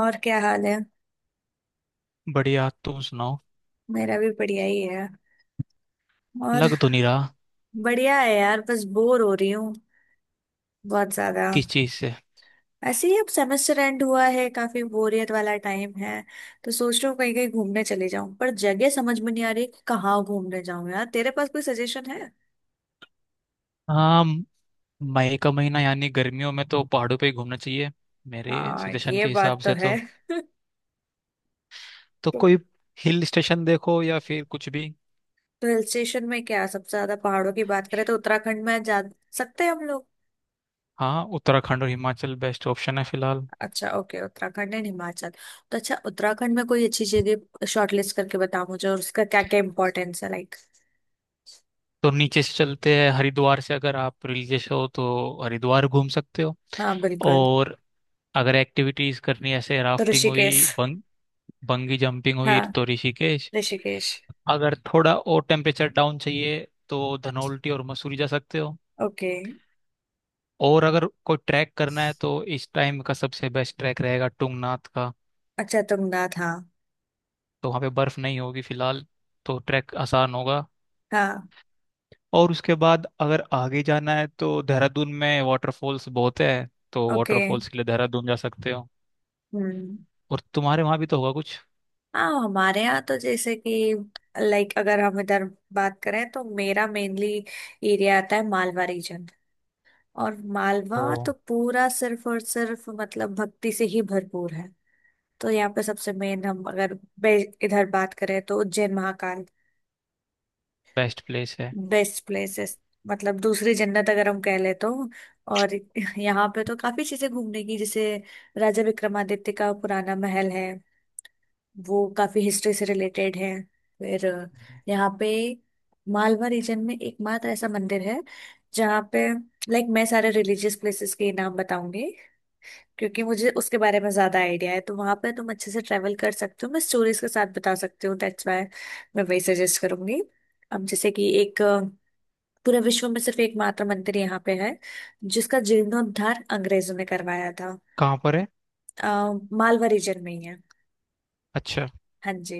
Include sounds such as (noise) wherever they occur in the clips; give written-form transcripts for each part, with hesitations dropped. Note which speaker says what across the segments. Speaker 1: और क्या हाल है।
Speaker 2: बढ़िया, तुम सुनाओ।
Speaker 1: मेरा भी बढ़िया ही है। और
Speaker 2: लग तो नहीं रहा।
Speaker 1: बढ़िया है यार, बस बोर हो रही हूँ, बहुत ज्यादा।
Speaker 2: किस चीज से।
Speaker 1: ऐसे ही, अब सेमेस्टर एंड हुआ है, काफी बोरियत वाला टाइम है। तो सोच रही हूँ कहीं कहीं घूमने चले जाऊं, पर जगह समझ में नहीं आ रही कि कहाँ घूमने जाऊं यार। तेरे पास कोई सजेशन है?
Speaker 2: हाँ, मई का महीना यानी गर्मियों में तो पहाड़ों पे ही घूमना चाहिए, मेरे
Speaker 1: हाँ,
Speaker 2: सजेशन
Speaker 1: ये
Speaker 2: के हिसाब
Speaker 1: बात तो
Speaker 2: से
Speaker 1: है।
Speaker 2: तो।
Speaker 1: (laughs)
Speaker 2: तो कोई हिल स्टेशन देखो या फिर कुछ भी।
Speaker 1: तो हिल स्टेशन में क्या सबसे ज्यादा पहाड़ों की बात करें तो उत्तराखंड में जा सकते हैं हम लोग।
Speaker 2: हाँ, उत्तराखंड और हिमाचल बेस्ट ऑप्शन है फिलहाल।
Speaker 1: अच्छा, ओके, उत्तराखंड एंड हिमाचल। तो अच्छा, उत्तराखंड में कोई अच्छी जगह शॉर्टलिस्ट करके बताओ मुझे, और उसका क्या क्या इम्पोर्टेंस है, लाइक।
Speaker 2: तो नीचे से चलते हैं, हरिद्वार से। अगर आप रिलीजियस हो तो हरिद्वार घूम सकते हो।
Speaker 1: हाँ बिल्कुल।
Speaker 2: और अगर एक्टिविटीज करनी है, जैसे
Speaker 1: तो
Speaker 2: राफ्टिंग
Speaker 1: ऋषिकेश।
Speaker 2: हुई, बंगी जंपिंग हुई,
Speaker 1: हाँ,
Speaker 2: तो ऋषिकेश।
Speaker 1: ऋषिकेश।
Speaker 2: अगर थोड़ा और टेम्परेचर डाउन चाहिए तो धनौल्टी और मसूरी जा सकते हो।
Speaker 1: ओके।
Speaker 2: और अगर कोई ट्रैक करना है तो इस टाइम का सबसे बेस्ट ट्रैक रहेगा टुंगनाथ का।
Speaker 1: अच्छा तुंगनाथ, हाँ।
Speaker 2: तो वहाँ पे बर्फ नहीं होगी फिलहाल, तो ट्रैक आसान होगा।
Speaker 1: हाँ।
Speaker 2: और उसके बाद अगर आगे जाना है तो देहरादून में वाटरफॉल्स बहुत है, तो
Speaker 1: ओके।
Speaker 2: वाटरफॉल्स के लिए देहरादून जा सकते हो।
Speaker 1: हम्म।
Speaker 2: और तुम्हारे वहाँ भी तो होगा कुछ।
Speaker 1: हाँ, हमारे यहाँ तो जैसे कि, लाइक अगर हम इधर बात करें तो मेरा मेनली एरिया आता है मालवा रीजन। और
Speaker 2: ओ।
Speaker 1: मालवा तो पूरा सिर्फ और सिर्फ मतलब भक्ति से ही भरपूर है। तो यहाँ पे सबसे मेन, हम अगर इधर बात करें तो उज्जैन महाकाल।
Speaker 2: बेस्ट प्लेस है।
Speaker 1: बेस्ट प्लेसेस, मतलब दूसरी जन्नत अगर हम कह ले तो। और यहाँ पे तो काफी चीजें घूमने की, जैसे राजा विक्रमादित्य का पुराना महल है। वो काफी हिस्ट्री से रिलेटेड है। फिर यहाँ पे मालवा रीजन में एकमात्र ऐसा मंदिर है जहाँ पे, लाइक मैं सारे रिलीजियस प्लेसेस के नाम बताऊंगी क्योंकि मुझे उसके बारे में ज्यादा आइडिया है। तो वहां पर तुम अच्छे से ट्रेवल कर सकते हो, मैं स्टोरीज के साथ बता सकती हूँ, दैट्स वाई मैं वही सजेस्ट करूंगी। अब जैसे कि एक, पूरे विश्व में सिर्फ एकमात्र मंदिर यहाँ पे है जिसका जीर्णोद्धार अंग्रेजों ने करवाया था।
Speaker 2: कहाँ पर है।
Speaker 1: अ, मालवा रीजन में ही है।
Speaker 2: अच्छा।
Speaker 1: हाँ जी।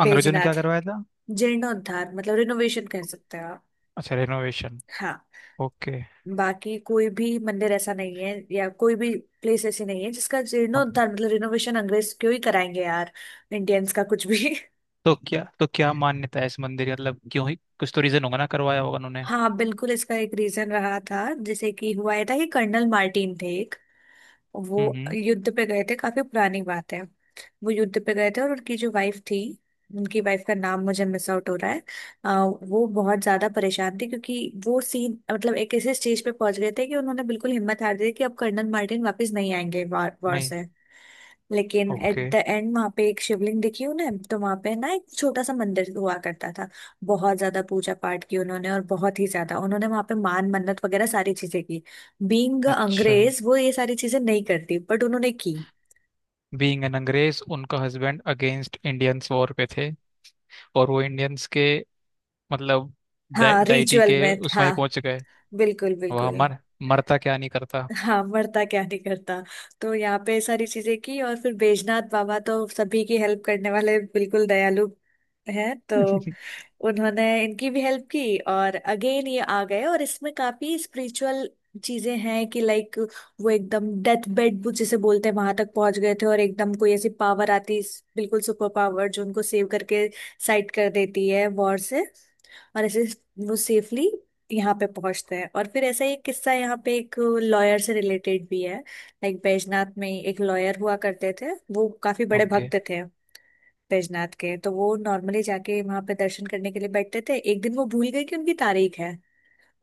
Speaker 2: अंग्रेजों ने क्या
Speaker 1: बैजनाथ।
Speaker 2: करवाया था?
Speaker 1: जीर्णोद्धार मतलब रिनोवेशन कह सकते हो आप।
Speaker 2: अच्छा, रेनोवेशन।
Speaker 1: हाँ।
Speaker 2: ओके।
Speaker 1: बाकी कोई भी मंदिर ऐसा नहीं है, या कोई भी प्लेस ऐसी नहीं है जिसका जीर्णोद्धार मतलब रिनोवेशन अंग्रेज क्यों ही कराएंगे यार। इंडियंस का कुछ भी। (laughs)
Speaker 2: तो क्या, तो क्या मान्यता है इस मंदिर की? मतलब क्यों ही, कुछ तो रीजन होगा ना, करवाया होगा उन्होंने।
Speaker 1: हाँ बिल्कुल, इसका एक रीजन रहा था। जैसे कि हुआ ये था कि कर्नल मार्टिन थे एक। वो
Speaker 2: हम्म, हम्म।
Speaker 1: युद्ध पे गए थे, काफी पुरानी बात है। वो युद्ध पे गए थे और उनकी जो वाइफ थी, उनकी वाइफ का नाम मुझे मिस आउट हो रहा है। वो बहुत ज्यादा परेशान थी क्योंकि वो सीन, मतलब एक ऐसे स्टेज पे पहुंच गए थे कि उन्होंने बिल्कुल हिम्मत हार दी थी कि अब कर्नल मार्टिन वापस नहीं आएंगे वॉर वॉर
Speaker 2: नहीं।
Speaker 1: से। लेकिन एट
Speaker 2: ओके।
Speaker 1: द एंड वहां पे एक शिवलिंग दिखी उन्हें, तो वहां पे ना एक छोटा सा मंदिर हुआ करता था। बहुत ज्यादा पूजा पाठ की उन्होंने, और बहुत ही ज्यादा उन्होंने वहां पे मान मन्नत वगैरह सारी चीजें की। बीइंग
Speaker 2: अच्छा।
Speaker 1: अंग्रेज वो ये सारी चीजें नहीं करती, बट उन्होंने की।
Speaker 2: बीइंग एन अंग्रेज, उनका हस्बैंड अगेंस्ट इंडियंस वॉर पे थे, और वो इंडियंस के, मतलब
Speaker 1: हाँ,
Speaker 2: डाइटी
Speaker 1: रिचुअल
Speaker 2: के
Speaker 1: में,
Speaker 2: उसमें
Speaker 1: हाँ।
Speaker 2: पहुंच गए।
Speaker 1: बिल्कुल
Speaker 2: वह
Speaker 1: बिल्कुल।
Speaker 2: मर मरता क्या नहीं करता।
Speaker 1: हाँ, मरता क्या नहीं करता। तो यहाँ पे ये सारी चीजें की, और फिर बैजनाथ बाबा तो सभी की हेल्प करने वाले, बिल्कुल दयालु है तो
Speaker 2: (laughs)
Speaker 1: उन्होंने इनकी भी हेल्प की। और अगेन ये आ गए, और इसमें काफी स्पिरिचुअल चीजें हैं कि, लाइक वो एकदम डेथ बेड जिसे बोलते हैं वहां तक पहुंच गए थे, और एकदम कोई ऐसी पावर आती, बिल्कुल सुपर पावर, जो उनको सेव करके साइड कर देती है वॉर से। और ऐसे वो सेफली यहाँ पे पहुंचते हैं। और फिर ऐसा ही एक किस्सा यहाँ पे एक लॉयर से रिलेटेड भी है, लाइक बैजनाथ में ही एक लॉयर हुआ करते थे। वो काफी बड़े
Speaker 2: ओके।
Speaker 1: भक्त थे बैजनाथ के, तो वो नॉर्मली जाके वहां पे दर्शन करने के लिए बैठते थे। एक दिन वो भूल गए कि उनकी तारीख है,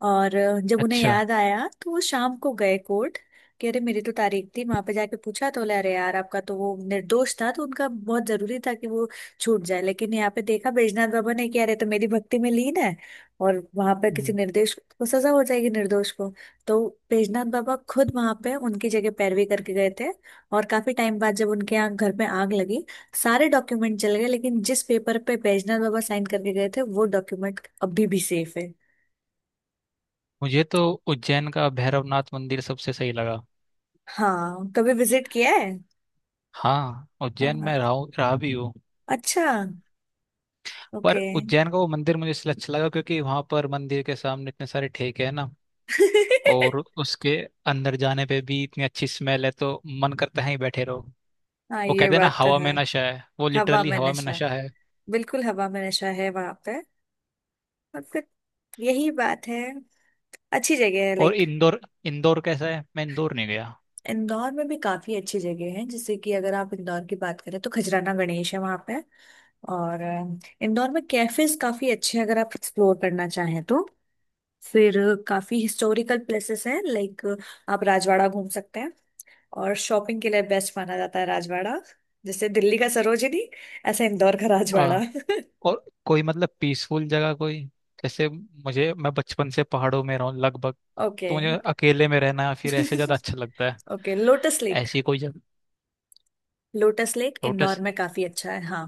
Speaker 1: और जब उन्हें
Speaker 2: अच्छा।
Speaker 1: याद आया तो वो शाम को गए कोर्ट कि अरे मेरी तो तारीख थी। वहां पे जाके पूछा तो बोले अरे यार आपका तो, वो निर्दोष था तो उनका बहुत जरूरी था कि वो छूट जाए। लेकिन यहाँ पे देखा बैजनाथ बाबा ने कि अरे तो मेरी भक्ति में लीन है, और वहां पे किसी
Speaker 2: हम्म।
Speaker 1: निर्दोष को सजा हो जाएगी, निर्दोष को। तो बैजनाथ बाबा खुद वहां पे उनकी जगह पैरवी करके गए थे। और काफी टाइम बाद जब उनके यहाँ घर में आग लगी, सारे डॉक्यूमेंट जल गए लेकिन जिस पेपर पे बैजनाथ बाबा साइन करके गए थे वो डॉक्यूमेंट अभी भी सेफ है।
Speaker 2: मुझे तो उज्जैन का भैरवनाथ मंदिर सबसे सही लगा।
Speaker 1: हाँ, कभी विजिट किया है?
Speaker 2: हाँ, उज्जैन में
Speaker 1: हाँ,
Speaker 2: रहा भी हूँ।
Speaker 1: अच्छा, ओके।
Speaker 2: पर उज्जैन का वो मंदिर मुझे इसलिए अच्छा लगा क्योंकि वहां पर मंदिर के सामने इतने सारे ठेके हैं ना। और
Speaker 1: (laughs)
Speaker 2: उसके अंदर जाने पे भी इतनी अच्छी स्मेल है, तो मन करता है ही बैठे रहो।
Speaker 1: हाँ
Speaker 2: वो
Speaker 1: ये
Speaker 2: कहते हैं ना,
Speaker 1: बात तो
Speaker 2: हवा
Speaker 1: है।
Speaker 2: में नशा है, वो
Speaker 1: हवा
Speaker 2: लिटरली
Speaker 1: में
Speaker 2: हवा में
Speaker 1: नशा,
Speaker 2: नशा है।
Speaker 1: बिल्कुल हवा में नशा है वहां पे। और फिर यही बात है, अच्छी जगह है,
Speaker 2: और
Speaker 1: लाइक।
Speaker 2: इंदौर, इंदौर कैसा है? मैं इंदौर नहीं गया।
Speaker 1: इंदौर में भी काफी अच्छी जगह है। जैसे कि अगर आप इंदौर की बात करें तो खजराना गणेश है वहां पे। और इंदौर में कैफेज काफी अच्छे हैं अगर आप एक्सप्लोर करना चाहें तो। फिर काफी हिस्टोरिकल प्लेसेस हैं, लाइक आप राजवाड़ा घूम सकते हैं। और शॉपिंग के लिए बेस्ट माना जाता है राजवाड़ा। जैसे दिल्ली का सरोजिनी, ऐसा इंदौर का राजवाड़ा।
Speaker 2: आ,
Speaker 1: (laughs)
Speaker 2: और कोई मतलब पीसफुल जगह कोई। जैसे मुझे, मैं बचपन से पहाड़ों में रहा हूँ लगभग, तो
Speaker 1: ओके।
Speaker 2: मुझे अकेले में रहना या फिर ऐसे ज्यादा अच्छा लगता है।
Speaker 1: Okay lotus lake.
Speaker 2: ऐसी कोई जगह।
Speaker 1: Lotus lake Indore
Speaker 2: lotus.
Speaker 1: में काफी अच्छा है, हाँ।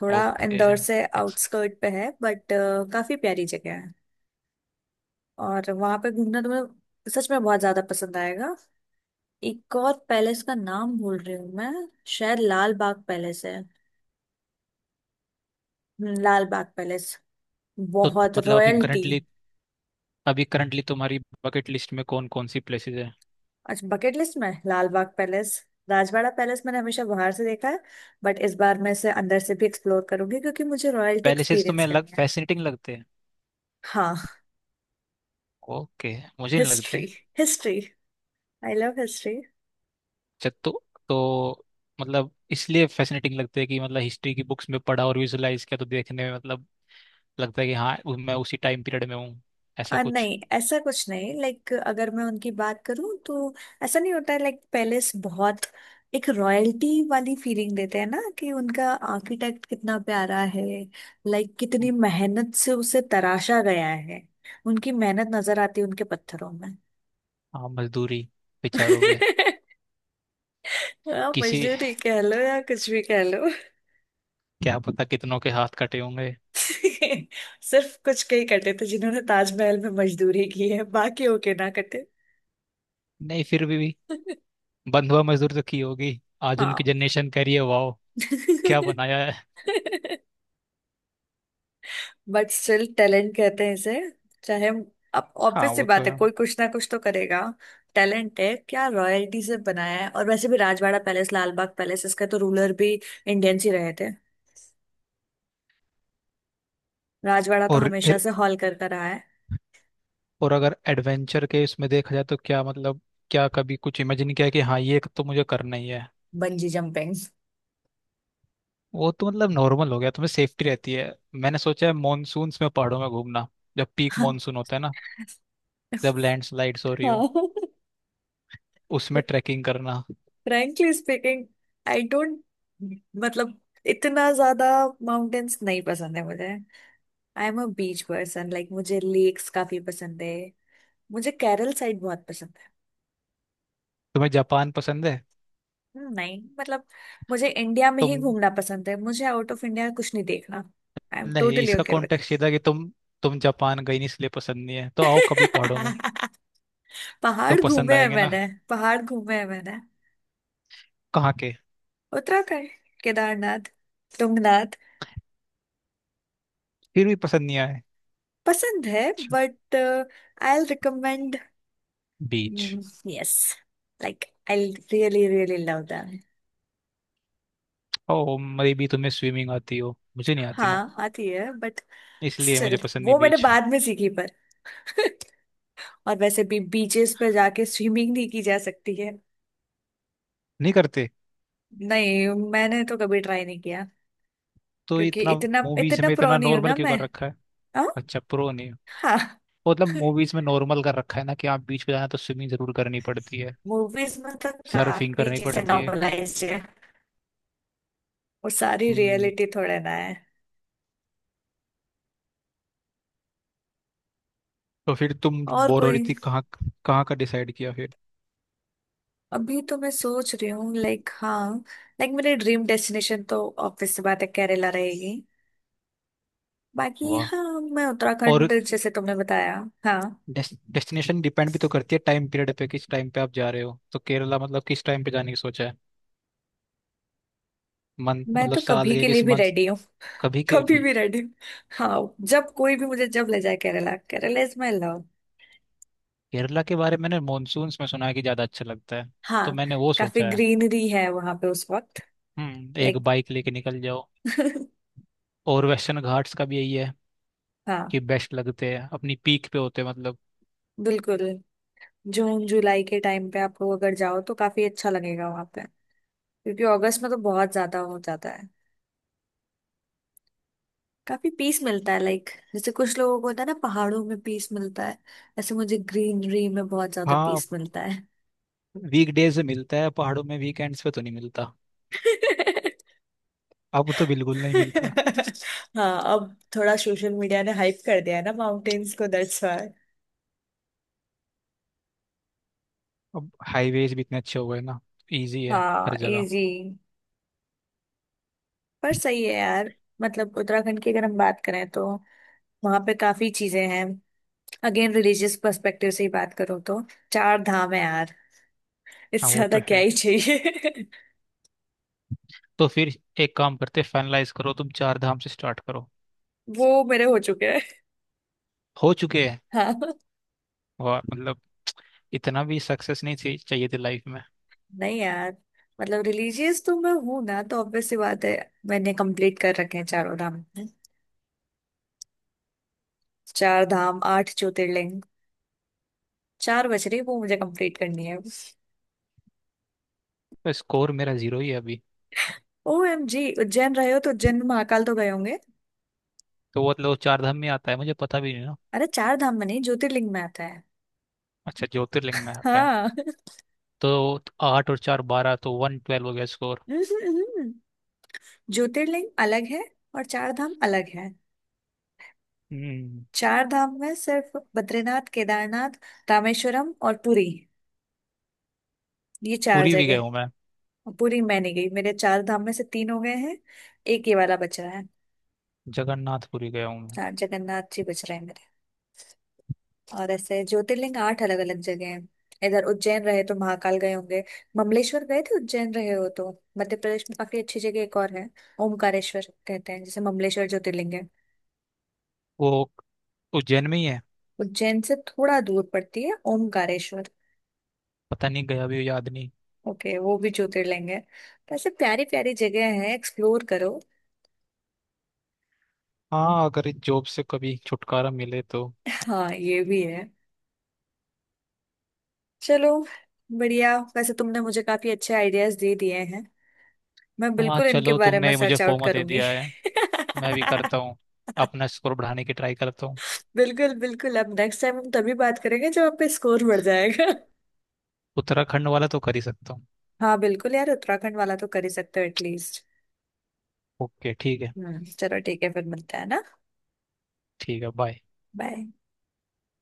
Speaker 1: थोड़ा
Speaker 2: ओके।
Speaker 1: इंदौर से आउटस्कर्ट पे है बट काफी प्यारी जगह है। और वहां पे घूमना तुम्हें सच में बहुत ज्यादा पसंद आएगा। एक और पैलेस का नाम भूल रही हूँ मैं, शायद लाल बाग पैलेस है। लाल बाग पैलेस,
Speaker 2: तो
Speaker 1: बहुत
Speaker 2: मतलब अभी
Speaker 1: रॉयल्टी।
Speaker 2: करंटली अभी करंटली तुम्हारी बकेट लिस्ट में कौन कौन सी प्लेसेस है।
Speaker 1: अच्छा, बकेट लिस्ट में लाल बाग पैलेस, राजवाड़ा पैलेस मैंने हमेशा बाहर से देखा है, बट इस बार मैं इसे अंदर से भी एक्सप्लोर करूंगी क्योंकि मुझे रॉयल्टी
Speaker 2: पहले से
Speaker 1: एक्सपीरियंस
Speaker 2: तुम्हें अलग
Speaker 1: करनी है।
Speaker 2: फैसिनेटिंग लगते हैं?
Speaker 1: हाँ।
Speaker 2: ओके। मुझे नहीं
Speaker 1: हिस्ट्री,
Speaker 2: लगते।
Speaker 1: History, I love history.
Speaker 2: अच्छा, तो मतलब इसलिए फैसिनेटिंग लगते हैं कि मतलब हिस्ट्री की बुक्स में पढ़ा और विजुलाइज किया, तो देखने में मतलब लगता है कि हाँ, मैं उसी टाइम पीरियड में हूँ, ऐसा कुछ।
Speaker 1: नहीं, ऐसा कुछ नहीं, लाइक अगर मैं उनकी बात करूं तो ऐसा नहीं होता है। लाइक पैलेस बहुत, एक रॉयल्टी वाली फीलिंग देते हैं ना, कि उनका आर्किटेक्ट कितना प्यारा है, लाइक कितनी
Speaker 2: हम्म।
Speaker 1: मेहनत से उसे तराशा गया है। उनकी मेहनत नजर आती है उनके पत्थरों में।
Speaker 2: हाँ, मजदूरी बेचारों पे।
Speaker 1: (laughs) आप
Speaker 2: किसी,
Speaker 1: मजदूरी कह लो या कुछ भी कह लो।
Speaker 2: क्या पता कितनों के हाथ कटे होंगे।
Speaker 1: (laughs) सिर्फ कुछ कई कटे थे जिन्होंने ताजमहल में मजदूरी की है, बाकी होके ना कटे।
Speaker 2: नहीं, फिर भी,
Speaker 1: (laughs)
Speaker 2: बंधुआ मजदूर तो की होगी। आज उनकी
Speaker 1: हाँ।
Speaker 2: जनरेशन कह रही है, वाओ,
Speaker 1: (laughs)
Speaker 2: क्या बनाया है।
Speaker 1: बट स्टिल टैलेंट कहते हैं इसे, चाहे, अब
Speaker 2: हाँ,
Speaker 1: ऑब्वियस सी
Speaker 2: वो तो
Speaker 1: बात है
Speaker 2: है।
Speaker 1: कोई कुछ ना कुछ तो करेगा। टैलेंट है, क्या रॉयल्टी से बनाया है। और वैसे भी राजवाड़ा पैलेस, लाल बाग पैलेस, इसका तो रूलर भी इंडियंस ही रहे थे। राजवाड़ा तो
Speaker 2: और
Speaker 1: हमेशा से हॉल करता रहा है।
Speaker 2: और अगर एडवेंचर के इसमें देखा जाए तो क्या मतलब, क्या कभी कुछ इमेजिन किया कि हाँ, ये तो मुझे करना ही है।
Speaker 1: Bungee jumping.
Speaker 2: वो तो मतलब नॉर्मल हो गया, तुम्हें सेफ्टी रहती है। मैंने सोचा है मानसून्स में पहाड़ों में घूमना, जब पीक मानसून होता है ना, जब
Speaker 1: (laughs)
Speaker 2: लैंडस्लाइड्स हो रही हो,
Speaker 1: हाँ। (laughs)
Speaker 2: उसमें ट्रैकिंग करना।
Speaker 1: फ्रैंकली स्पीकिंग, आई डोंट, मतलब इतना ज्यादा माउंटेन्स नहीं पसंद है मुझे। I am a beach person, like मुझे लेक्स काफी पसंद है, मुझे केरल साइड बहुत पसंद है।
Speaker 2: तुम्हें जापान पसंद है?
Speaker 1: नहीं, मतलब मुझे इंडिया में ही
Speaker 2: तुम,
Speaker 1: घूमना पसंद है, मुझे आउट ऑफ इंडिया कुछ नहीं देखना। आई एम
Speaker 2: नहीं,
Speaker 1: टोटली
Speaker 2: इसका
Speaker 1: ओके विद।
Speaker 2: कॉन्टेक्स्ट ये था कि तुम जापान गई नहीं इसलिए पसंद नहीं है, तो आओ कभी पहाड़ों में।
Speaker 1: (laughs)
Speaker 2: तो
Speaker 1: पहाड़
Speaker 2: पसंद
Speaker 1: घूमे हैं
Speaker 2: आएंगे ना।
Speaker 1: मैंने, पहाड़ घूमे हैं मैंने।
Speaker 2: कहाँ के।
Speaker 1: उत्तराखंड, केदारनाथ, तुंगनाथ।
Speaker 2: फिर भी पसंद नहीं आए।
Speaker 1: पसंद है, but I will recommend.
Speaker 2: Beach.
Speaker 1: Yes. Like I really really love them.
Speaker 2: ओ, मेरी भी, तुम्हें स्विमिंग आती हो, मुझे नहीं आती ना,
Speaker 1: हाँ आती है बट
Speaker 2: इसलिए मुझे
Speaker 1: स्टिल
Speaker 2: पसंद नहीं
Speaker 1: वो मैंने
Speaker 2: बीच।
Speaker 1: बाद में सीखी पर। (laughs) और वैसे भी बीचेस पे जाके स्विमिंग नहीं की जा सकती है।
Speaker 2: नहीं करते?
Speaker 1: नहीं, मैंने तो कभी ट्राई नहीं किया
Speaker 2: तो
Speaker 1: क्योंकि
Speaker 2: इतना,
Speaker 1: इतना
Speaker 2: मूवीज
Speaker 1: इतना
Speaker 2: में
Speaker 1: प्रो
Speaker 2: इतना
Speaker 1: नहीं हूं
Speaker 2: नॉर्मल
Speaker 1: ना
Speaker 2: क्यों
Speaker 1: मैं।
Speaker 2: कर रखा है?
Speaker 1: हाँ।
Speaker 2: अच्छा, प्रो नहीं।
Speaker 1: हाँ।
Speaker 2: मतलब
Speaker 1: (laughs)
Speaker 2: मूवीज में नॉर्मल कर रखा है ना, कि आप बीच पे जाना तो स्विमिंग जरूर करनी पड़ती है,
Speaker 1: मूवीज में तो
Speaker 2: सर्फिंग
Speaker 1: काफी
Speaker 2: करनी
Speaker 1: चीजें
Speaker 2: पड़ती है।
Speaker 1: नॉर्मलाइज्ड है, वो सारी
Speaker 2: हम्म।
Speaker 1: रियलिटी थोड़े ना है।
Speaker 2: तो फिर तुम
Speaker 1: और
Speaker 2: बोर हो रही
Speaker 1: कोई,
Speaker 2: थी, कहाँ, कहाँ का डिसाइड किया फिर।
Speaker 1: अभी तो मैं सोच रही हूँ, लाइक हाँ, लाइक मेरी ड्रीम डेस्टिनेशन तो ऑब्वियस सी बात है केरला रहेगी। बाकी
Speaker 2: वाह।
Speaker 1: हाँ, मैं
Speaker 2: और,
Speaker 1: उत्तराखंड जैसे तुमने बताया। हाँ,
Speaker 2: डेस्टिनेशन डिपेंड भी तो करती है टाइम पीरियड पे, किस टाइम पे आप जा रहे हो। तो केरला मतलब किस टाइम पे जाने की सोचा है? मंथ,
Speaker 1: मैं
Speaker 2: मतलब
Speaker 1: तो
Speaker 2: साल
Speaker 1: कभी
Speaker 2: के
Speaker 1: के लिए
Speaker 2: किस
Speaker 1: भी
Speaker 2: मंथ।
Speaker 1: रेडी हूँ।
Speaker 2: कभी
Speaker 1: (laughs)
Speaker 2: के
Speaker 1: कभी
Speaker 2: लिए।
Speaker 1: भी रेडी हूँ। हाँ, जब कोई भी मुझे जब ले जाए, Kerala, Kerala is my love.
Speaker 2: Kerala के बारे में मैंने मानसून में सुना है कि ज्यादा अच्छा लगता है, तो
Speaker 1: हाँ,
Speaker 2: मैंने वो
Speaker 1: काफी
Speaker 2: सोचा है।
Speaker 1: ग्रीनरी है वहां पे उस वक्त।
Speaker 2: हम्म, एक
Speaker 1: लाइक।
Speaker 2: बाइक लेके निकल जाओ।
Speaker 1: (laughs)
Speaker 2: और वेस्टर्न घाट्स का भी यही है,
Speaker 1: हाँ
Speaker 2: कि बेस्ट लगते हैं अपनी पीक पे होते हैं मतलब।
Speaker 1: बिल्कुल, जून जुलाई के टाइम पे आप लोग अगर जाओ तो काफी अच्छा लगेगा वहां पे, क्योंकि अगस्त में तो बहुत ज्यादा हो जाता है। काफी पीस मिलता है, लाइक जैसे कुछ लोगों को होता है ना पहाड़ों में पीस मिलता है, ऐसे मुझे ग्रीनरी में बहुत ज्यादा
Speaker 2: हाँ,
Speaker 1: पीस मिलता है।
Speaker 2: वीक डेज में मिलता है पहाड़ों में, वीकेंड्स पे तो नहीं मिलता।
Speaker 1: (laughs)
Speaker 2: अब तो बिल्कुल नहीं मिलता।
Speaker 1: हाँ, अब थोड़ा सोशल मीडिया ने हाइप कर दिया है ना माउंटेन्स को, दैट्स व्हाई।
Speaker 2: अब हाईवेज भी इतने अच्छे हो गए ना, इजी है
Speaker 1: हाँ
Speaker 2: हर जगह।
Speaker 1: इजी। पर सही है यार, मतलब उत्तराखंड की अगर हम बात करें तो वहां पे काफी चीजें हैं। अगेन रिलीजियस पर्सपेक्टिव से ही बात करूँ तो चार धाम है यार,
Speaker 2: हाँ,
Speaker 1: इससे
Speaker 2: वो
Speaker 1: ज्यादा
Speaker 2: तो है
Speaker 1: क्या
Speaker 2: ही।
Speaker 1: ही चाहिए।
Speaker 2: तो फिर एक काम करते, फाइनलाइज करो, तुम चार धाम से स्टार्ट करो।
Speaker 1: (laughs) वो मेरे हो चुके हैं।
Speaker 2: हो चुके हैं।
Speaker 1: हाँ।
Speaker 2: वाह, मतलब इतना भी सक्सेस नहीं थी चाहिए थी लाइफ में।
Speaker 1: नहीं यार, मतलब रिलीजियस तो मैं हूं ना, तो ऑब्वियस सी बात है मैंने कंप्लीट कर रखे हैं चारों धाम। चार धाम, 8 ज्योतिर्लिंग। चार बज रही, वो मुझे कंप्लीट करनी है।
Speaker 2: तो स्कोर मेरा 0 ही है अभी।
Speaker 1: OMG, उज्जैन रहे हो तो उज्जैन में महाकाल तो गए होंगे।
Speaker 2: तो वो मतलब वो चार धाम में आता है, मुझे पता भी नहीं ना।
Speaker 1: अरे चार धाम में नहीं, ज्योतिर्लिंग में आता है।
Speaker 2: अच्छा, ज्योतिर्लिंग में आता है।
Speaker 1: हाँ।
Speaker 2: तो 8 और 4 12, तो वन ट्वेल्व हो गया स्कोर।
Speaker 1: (laughs) ज्योतिर्लिंग अलग है और चार धाम अलग है।
Speaker 2: हम्म।
Speaker 1: चार धाम में सिर्फ बद्रीनाथ, केदारनाथ, रामेश्वरम और पुरी, ये चार
Speaker 2: पुरी भी गया
Speaker 1: जगह।
Speaker 2: हूँ मैं।
Speaker 1: पूरी मैं नहीं गई, मेरे चार धाम में से 3 हो गए हैं, एक ये वाला बच रहा है।
Speaker 2: जगन्नाथपुरी गया हूँ मैं।
Speaker 1: हाँ, जगन्नाथ जी बच रहे हैं मेरे। और ऐसे ज्योतिर्लिंग 8 अलग अलग जगह हैं। इधर उज्जैन रहे तो महाकाल गए होंगे, ममलेश्वर गए थे उज्जैन रहे हो तो? मध्य प्रदेश में काफी अच्छी जगह एक और है, ओमकारेश्वर कहते हैं जिसे, ममलेश्वर ज्योतिर्लिंग है।
Speaker 2: वो उज्जैन में ही है।
Speaker 1: उज्जैन से थोड़ा दूर पड़ती है ओमकारेश्वर।
Speaker 2: पता नहीं, गया भी हो, याद नहीं।
Speaker 1: ओके, वो भी ज्योतिर्लिंग है। तो ऐसे प्यारी प्यारी जगह है, एक्सप्लोर करो।
Speaker 2: हाँ, अगर इस जॉब से कभी छुटकारा मिले तो।
Speaker 1: हाँ ये भी है। चलो, बढ़िया। वैसे तुमने मुझे काफी अच्छे आइडियाज दे दिए हैं, मैं
Speaker 2: हाँ
Speaker 1: बिल्कुल इनके
Speaker 2: चलो,
Speaker 1: बारे में
Speaker 2: तुमने मुझे
Speaker 1: सर्च आउट
Speaker 2: फोमो दे
Speaker 1: करूंगी। (laughs)
Speaker 2: दिया है। मैं भी करता हूँ, अपना स्कोर बढ़ाने की ट्राई करता हूँ।
Speaker 1: बिल्कुल बिल्कुल, अब नेक्स्ट टाइम हम तभी बात करेंगे जब आप पे स्कोर बढ़ जाएगा। (laughs)
Speaker 2: उत्तराखंड वाला तो कर ही सकता हूँ।
Speaker 1: हाँ बिल्कुल यार, उत्तराखंड वाला तो कर ही सकते हो एटलीस्ट।
Speaker 2: ओके, ठीक है।
Speaker 1: हम्म, चलो ठीक है, फिर मिलते हैं ना।
Speaker 2: ठीक है, बाय।
Speaker 1: बाय।